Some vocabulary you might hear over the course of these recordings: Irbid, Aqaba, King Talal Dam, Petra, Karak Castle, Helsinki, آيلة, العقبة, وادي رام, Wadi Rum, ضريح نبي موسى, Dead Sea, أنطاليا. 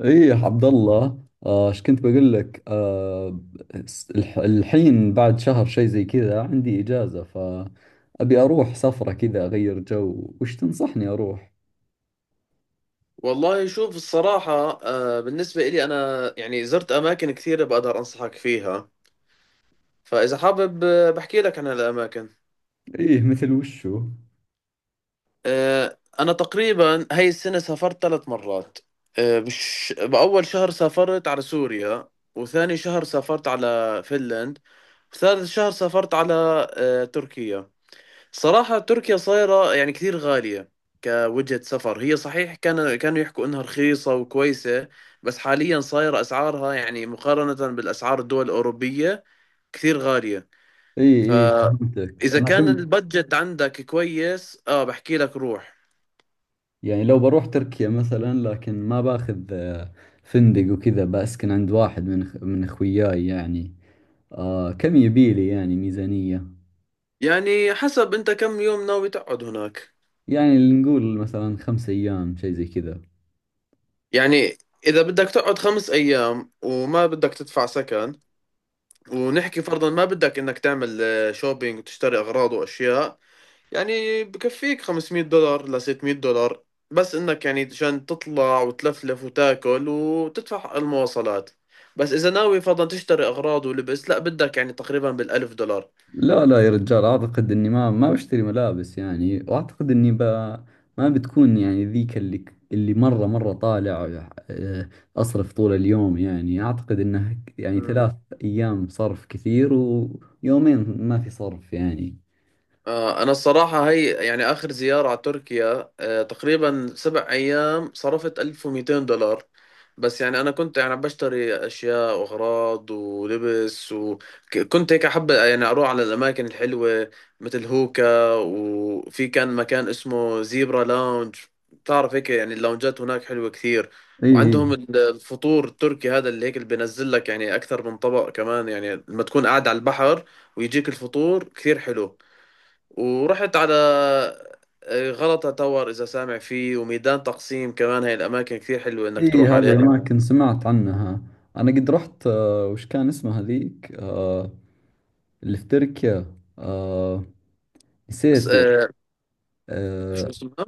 ايه يا عبد الله، ايش كنت بقول لك؟ الحين بعد شهر شيء زي كذا عندي اجازة، فأبي اروح سفرة كذا اغير جو. وش تنصحني اروح؟ والله شوف الصراحة، بالنسبة إلي أنا يعني زرت أماكن كثيرة بقدر أنصحك فيها. فإذا حابب بحكي لك عن الأماكن. ايه مثل وشو؟ أنا تقريبا هاي السنة سافرت ثلاث مرات. بأول شهر سافرت على سوريا، وثاني شهر سافرت على فنلند، وثالث شهر سافرت على تركيا. صراحة تركيا صايرة يعني كثير غالية كوجهة سفر. هي صحيح كانوا يحكوا إنها رخيصة وكويسة، بس حاليا صايرة أسعارها يعني مقارنة بالأسعار الدول الأوروبية كثير غالية. ايه ايه، فهمتك. فإذا انا كان كنت البادجت عندك كويس، آه بحكي لك روح. يعني لو بروح تركيا مثلا، لكن ما باخذ فندق وكذا، بسكن عند واحد من من اخوياي يعني. كم يبيلي يعني ميزانية؟ يعني حسب أنت كم يوم ناوي تقعد هناك. يعني اللي نقول مثلا 5 ايام شيء زي كذا. يعني إذا بدك تقعد 5 أيام وما بدك تدفع سكن، ونحكي فرضا ما بدك إنك تعمل شوبينج وتشتري أغراض وأشياء، يعني بكفيك 500 دولار ل 600 دولار، بس انك يعني عشان تطلع وتلفلف وتاكل وتدفع المواصلات. بس اذا ناوي فرضا تشتري اغراض ولبس، لا بدك يعني تقريبا بالالف دولار. لا لا يا رجال، أعتقد إني ما بشتري ملابس يعني، وأعتقد إني ما بتكون يعني ذيك اللي اللي مرة مرة طالع، أصرف طول اليوم. يعني أعتقد إنه يعني مم. 3 أيام صرف كثير، ويومين ما في صرف يعني. آه انا الصراحة هي يعني اخر زيارة على تركيا، آه تقريبا 7 ايام صرفت 1200 دولار، بس يعني انا كنت يعني بشتري اشياء واغراض ولبس، وكنت هيك احب يعني اروح على الاماكن الحلوه مثل هوكا. وفي كان مكان اسمه زيبرا لاونج، بتعرف هيك يعني اللونجات هناك حلوه كثير، إي وعندهم الفطور التركي هذا اللي هيك اللي بينزل لك يعني اكثر من طبق كمان، يعني لما تكون قاعد على البحر ويجيك الفطور كثير حلو. ورحت على غلطة تاور، إذا سامع فيه، وميدان تقسيم كمان. هاي الأماكن كثير حلوة إنك إي، تروح هذه عليها. الأماكن سمعت عنها. أنا قد رحت، وش كان اسمها ذيك اللي في تركيا؟ آه، بس نسيت. شو آه، اسمها،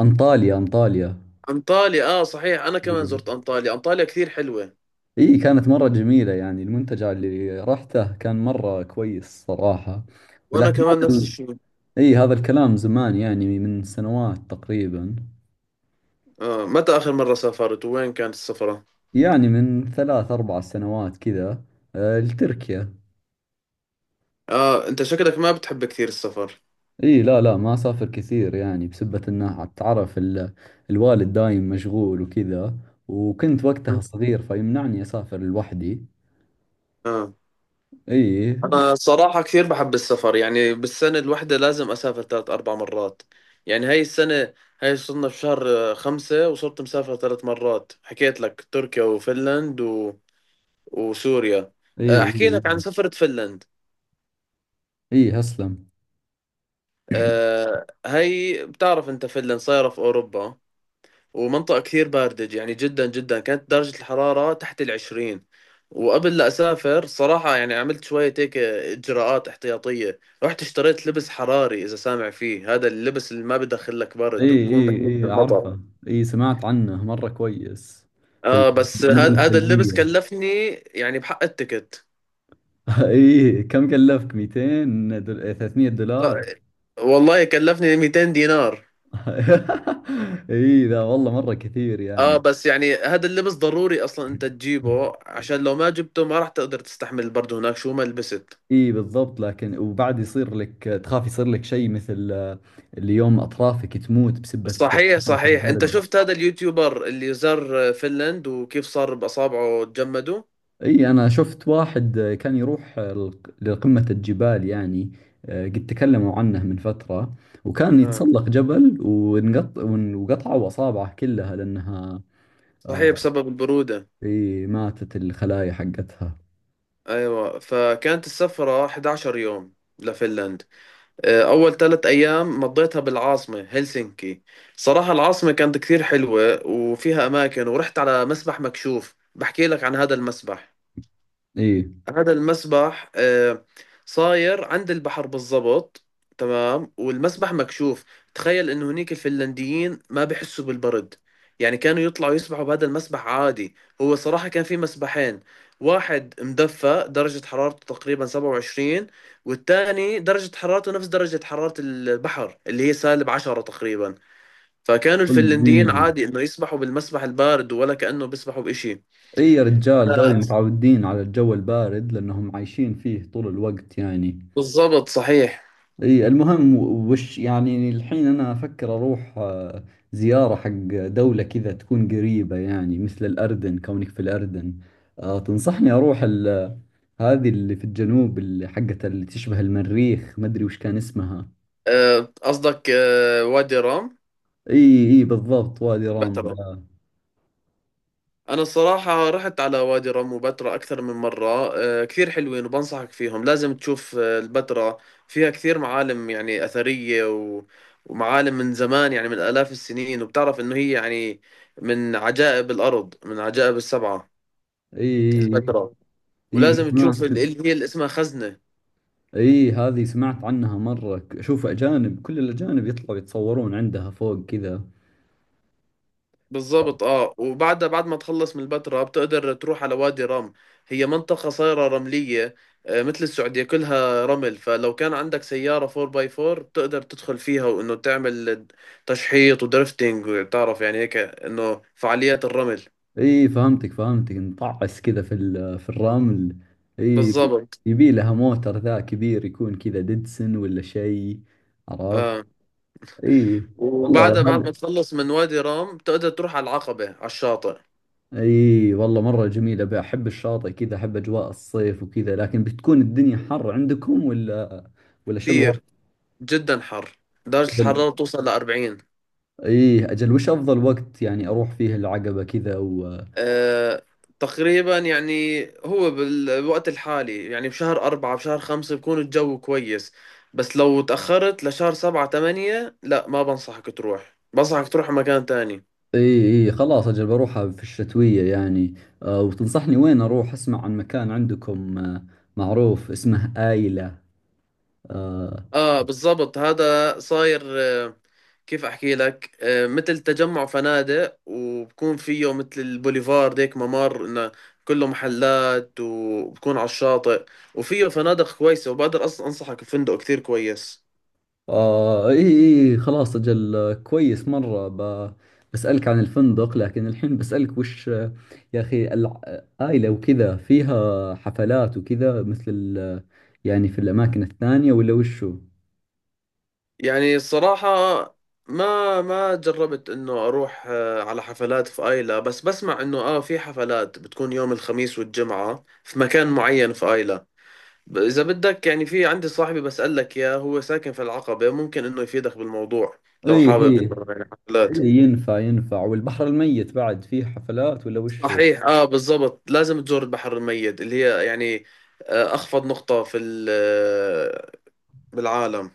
أنطاليا أنطاليا. انطاليا. اه صحيح، انا كمان زرت انطاليا، انطاليا كثير حلوة، اي، كانت مرة جميلة. يعني المنتجع اللي رحته كان مرة كويس صراحة. وانا ولكن كمان هذا نفس الشيء. اي، هذا الكلام زمان يعني، من سنوات تقريبا. آه، متى اخر مرة سافرت، وين كانت السفرة؟ يعني من ثلاث اربع سنوات كذا. لتركيا. اه انت شكلك ما بتحب كثير السفر. اي لا لا، ما اسافر كثير يعني، بسبة انه تعرف الوالد دايم مشغول وكذا. وكنت وقتها صغير فيمنعني اسافر لوحدي. اه اي انا صراحة كثير بحب السفر، يعني بالسنة الواحدة لازم اسافر ثلاث اربع مرات. يعني هاي السنة، هاي صرنا بشهر خمسة وصرت مسافر ثلاث مرات، حكيت لك تركيا وفنلند و... وسوريا. اي احكي لك عن اي. سفرة فنلند. اي اسلم. هي بتعرف انت فنلند صايرة في اوروبا، ومنطقة كثير باردة، يعني جدا جدا كانت درجة الحرارة تحت العشرين. وقبل لا اسافر صراحة يعني عملت شوية هيك اجراءات احتياطية، رحت اشتريت لبس حراري، اذا سامع فيه، هذا اللبس اللي ما بدخل لك اي برد وبكون اي بحميك من اي، المطر. اعرفها. اي، سمعت عنه مرة كويس. في اه بس المدن هذا اللبس الثلجية. كلفني يعني بحق التكت، اي، كم كلفك؟ 200 دول... إيه، 300 دولار. والله كلفني 200 دينار. اي ذا والله مرة كثير اه يعني. بس يعني هذا اللبس ضروري اصلا انت تجيبه، عشان لو ما جبته ما راح تقدر تستحمل برضه هناك شو ما لبست. اي بالضبط. لكن وبعد يصير لك تخاف، يصير لك شيء مثل اليوم اطرافك تموت بسبة صحيح كثرة صحيح، انت البرد. شفت هذا اليوتيوبر اللي زار فنلند وكيف صار باصابعه تجمدوا؟ اي، انا شفت واحد، كان يروح لقمة الجبال يعني. قد تكلموا عنه من فترة. وكان آه. يتسلق جبل ونقط وقطعوا اصابعه كلها لانها صحيح آه، بسبب البرودة. اي ماتت الخلايا حقتها. ايوه، فكانت السفرة 11 يوم لفنلند. اول 3 ايام مضيتها بالعاصمة هلسنكي. صراحة العاصمة كانت كثير حلوة وفيها اماكن، ورحت على مسبح مكشوف، بحكي لك عن هذا المسبح. اي هذا المسبح صاير عند البحر بالضبط، تمام. والمسبح مكشوف، تخيل انه هنيك الفنلنديين ما بحسوا بالبرد، يعني كانوا يطلعوا يسبحوا بهذا المسبح عادي. هو صراحة كان في مسبحين، واحد مدفى درجة حرارته تقريبا 27، والثاني درجة حرارته نفس درجة حرارة البحر اللي هي سالب 10 تقريبا. فكانوا الفنلنديين قلبي. عادي انه يسبحوا بالمسبح البارد، ولا كأنه بيسبحوا بإشي. اي يا رجال، ذول أنا- متعودين على الجو البارد لانهم عايشين فيه طول الوقت يعني. بالضبط صحيح. اي المهم، وش يعني الحين انا افكر اروح زيارة حق دولة كذا تكون قريبة يعني مثل الاردن. كونك في الاردن، تنصحني اروح هذه اللي في الجنوب اللي حقت اللي تشبه المريخ؟ ما ادري وش كان اسمها. قصدك وادي رام، اي اي بالضبط، وادي رام البتراء. ده. أنا الصراحة رحت على وادي رام وبتراء أكثر من مرة، كثير حلوين وبنصحك فيهم. لازم تشوف البتراء، فيها كثير معالم يعني أثرية و... ومعالم من زمان، يعني من آلاف السنين. وبتعرف إنه هي يعني من عجائب الأرض، من عجائب السبعة اي البتراء. اي اي، ولازم سمعت. تشوف اللي هي اللي اسمها خزنة. اي، هذه سمعت عنها مرة. شوف اجانب، كل الاجانب يطلعوا يتصورون عندها فوق كذا. بالظبط. اه، وبعد ما تخلص من البتراء بتقدر تروح على وادي رم. هي منطقة صايرة رملية، مثل السعودية كلها رمل. فلو كان عندك سيارة 4x4 بتقدر تدخل فيها وانه تعمل تشحيط ودرفتنج، وتعرف يعني هيك انه فعاليات الرمل. اي فهمتك فهمتك، نطعس كذا في في الرمل. اي، بالظبط. يبي لها موتر ذا كبير يكون كذا ديدسن ولا شيء، عرفت. اه اي والله وبعدها بعد هذا. ما تخلص من وادي رام بتقدر تروح على العقبة على الشاطئ. اي والله مرة جميلة، بحب الشاطئ كذا، احب اجواء الصيف وكذا. لكن بتكون الدنيا حر عندكم ولا شو الوضع؟ كثير جدا حر، درجة اجل. الحرارة توصل ل 40. اي اجل، وش افضل وقت يعني اروح فيه العقبة كذا؟ آه، تقريبا يعني هو بالوقت الحالي، يعني بشهر أربعة بشهر خمسة بكون الجو كويس، بس لو تأخرت لشهر سبعة تمانية لا، ما بنصحك تروح، بنصحك تروح مكان تاني. اي اي خلاص، اجل بروحها في الشتوية يعني. وتنصحني وين اروح؟ اسمع عن مكان عندكم معروف اسمه آيلة. آه آه بالضبط، هذا صاير كيف أحكي لك، مثل تجمع فنادق، وبكون فيه مثل البوليفارد هيك ممر إنه كله محلات، وبكون على الشاطئ. وفيه فنادق كويسة، وبقدر أنصحك بفندق كتير كويس. آه. اي اي خلاص اجل، كويس مرة بسألك عن الفندق. لكن الحين بسألك، وش يا اخي آيلة وكذا فيها حفلات وكذا مثل يعني في الاماكن الثانية ولا وشو؟ يعني الصراحة ما جربت انه اروح على حفلات في ايلا، بس بسمع انه اه في حفلات بتكون يوم الخميس والجمعة في مكان معين في ايلا. اذا بدك يعني، في عندي صاحبي بسألك اياه، هو ساكن في العقبة، ممكن انه يفيدك بالموضوع لو اي شوف حابب اي. انه يعني حفلات. إي، ينفع ينفع. والبحر الميت بعد فيه حفلات ولا وشو؟ صحيح اه بالضبط، لازم تزور البحر الميت، اللي هي يعني اخفض نقطة في بالعالم.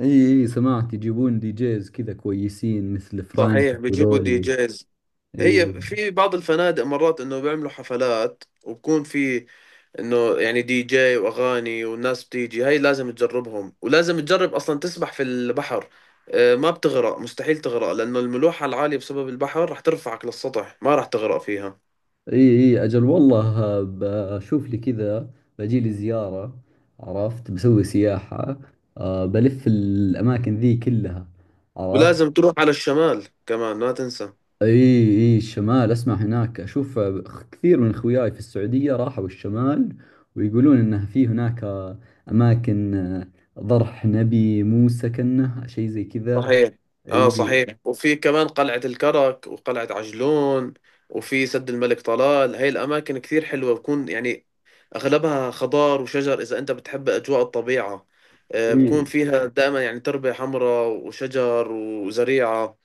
اي اي، سمعت يجيبون دي جيز كذا كويسين مثل فرانك صحيح بيجيبوا دي وذولي. جيز. اي هي في بعض الفنادق مرات انه بيعملوا حفلات، وبكون في انه يعني دي جي واغاني والناس بتيجي. هاي لازم تجربهم، ولازم تجرب اصلا تسبح في البحر. ما بتغرق، مستحيل تغرق، لانه الملوحة العالية بسبب البحر رح ترفعك للسطح، ما رح تغرق فيها. اي اي اجل، والله بشوف لي كذا. بجي لي زيارة، عرفت. بسوي سياحة، بلف الاماكن ذي كلها، عرفت. ولازم تروح على الشمال كمان، ما تنسى. اي اي الشمال، اسمع هناك اشوف كثير من اخوياي في السعودية راحوا الشمال، ويقولون انه في هناك اماكن، ضرح نبي موسى كنه شيء زي كذا. صحيح اه اي صحيح، وفي كمان قلعة الكرك وقلعة عجلون، وفي سد الملك طلال. هاي الأماكن كثير حلوة، بكون يعني أغلبها خضار وشجر، إذا أنت بتحب أجواء الطبيعة. اي بكون فيها دائما يعني تربة حمراء وشجر وزريعة.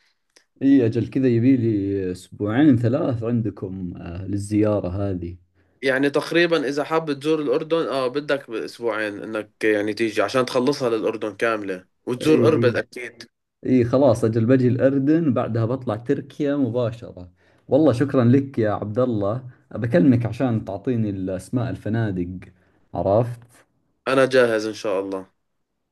اي اجل، كذا يبي لي اسبوعين ثلاث عندكم للزيارة هذه. يعني تقريبا إذا حاب تزور الأردن، آه بدك بأسبوعين إنك يعني تيجي عشان تخلصها للأردن كاملة، اي وتزور اي أربد أكيد. إي خلاص، اجل بجي الاردن بعدها بطلع تركيا مباشرة. والله شكرا لك يا عبد الله. بكلمك عشان تعطيني الاسماء الفنادق، عرفت. أنا جاهز إن شاء الله.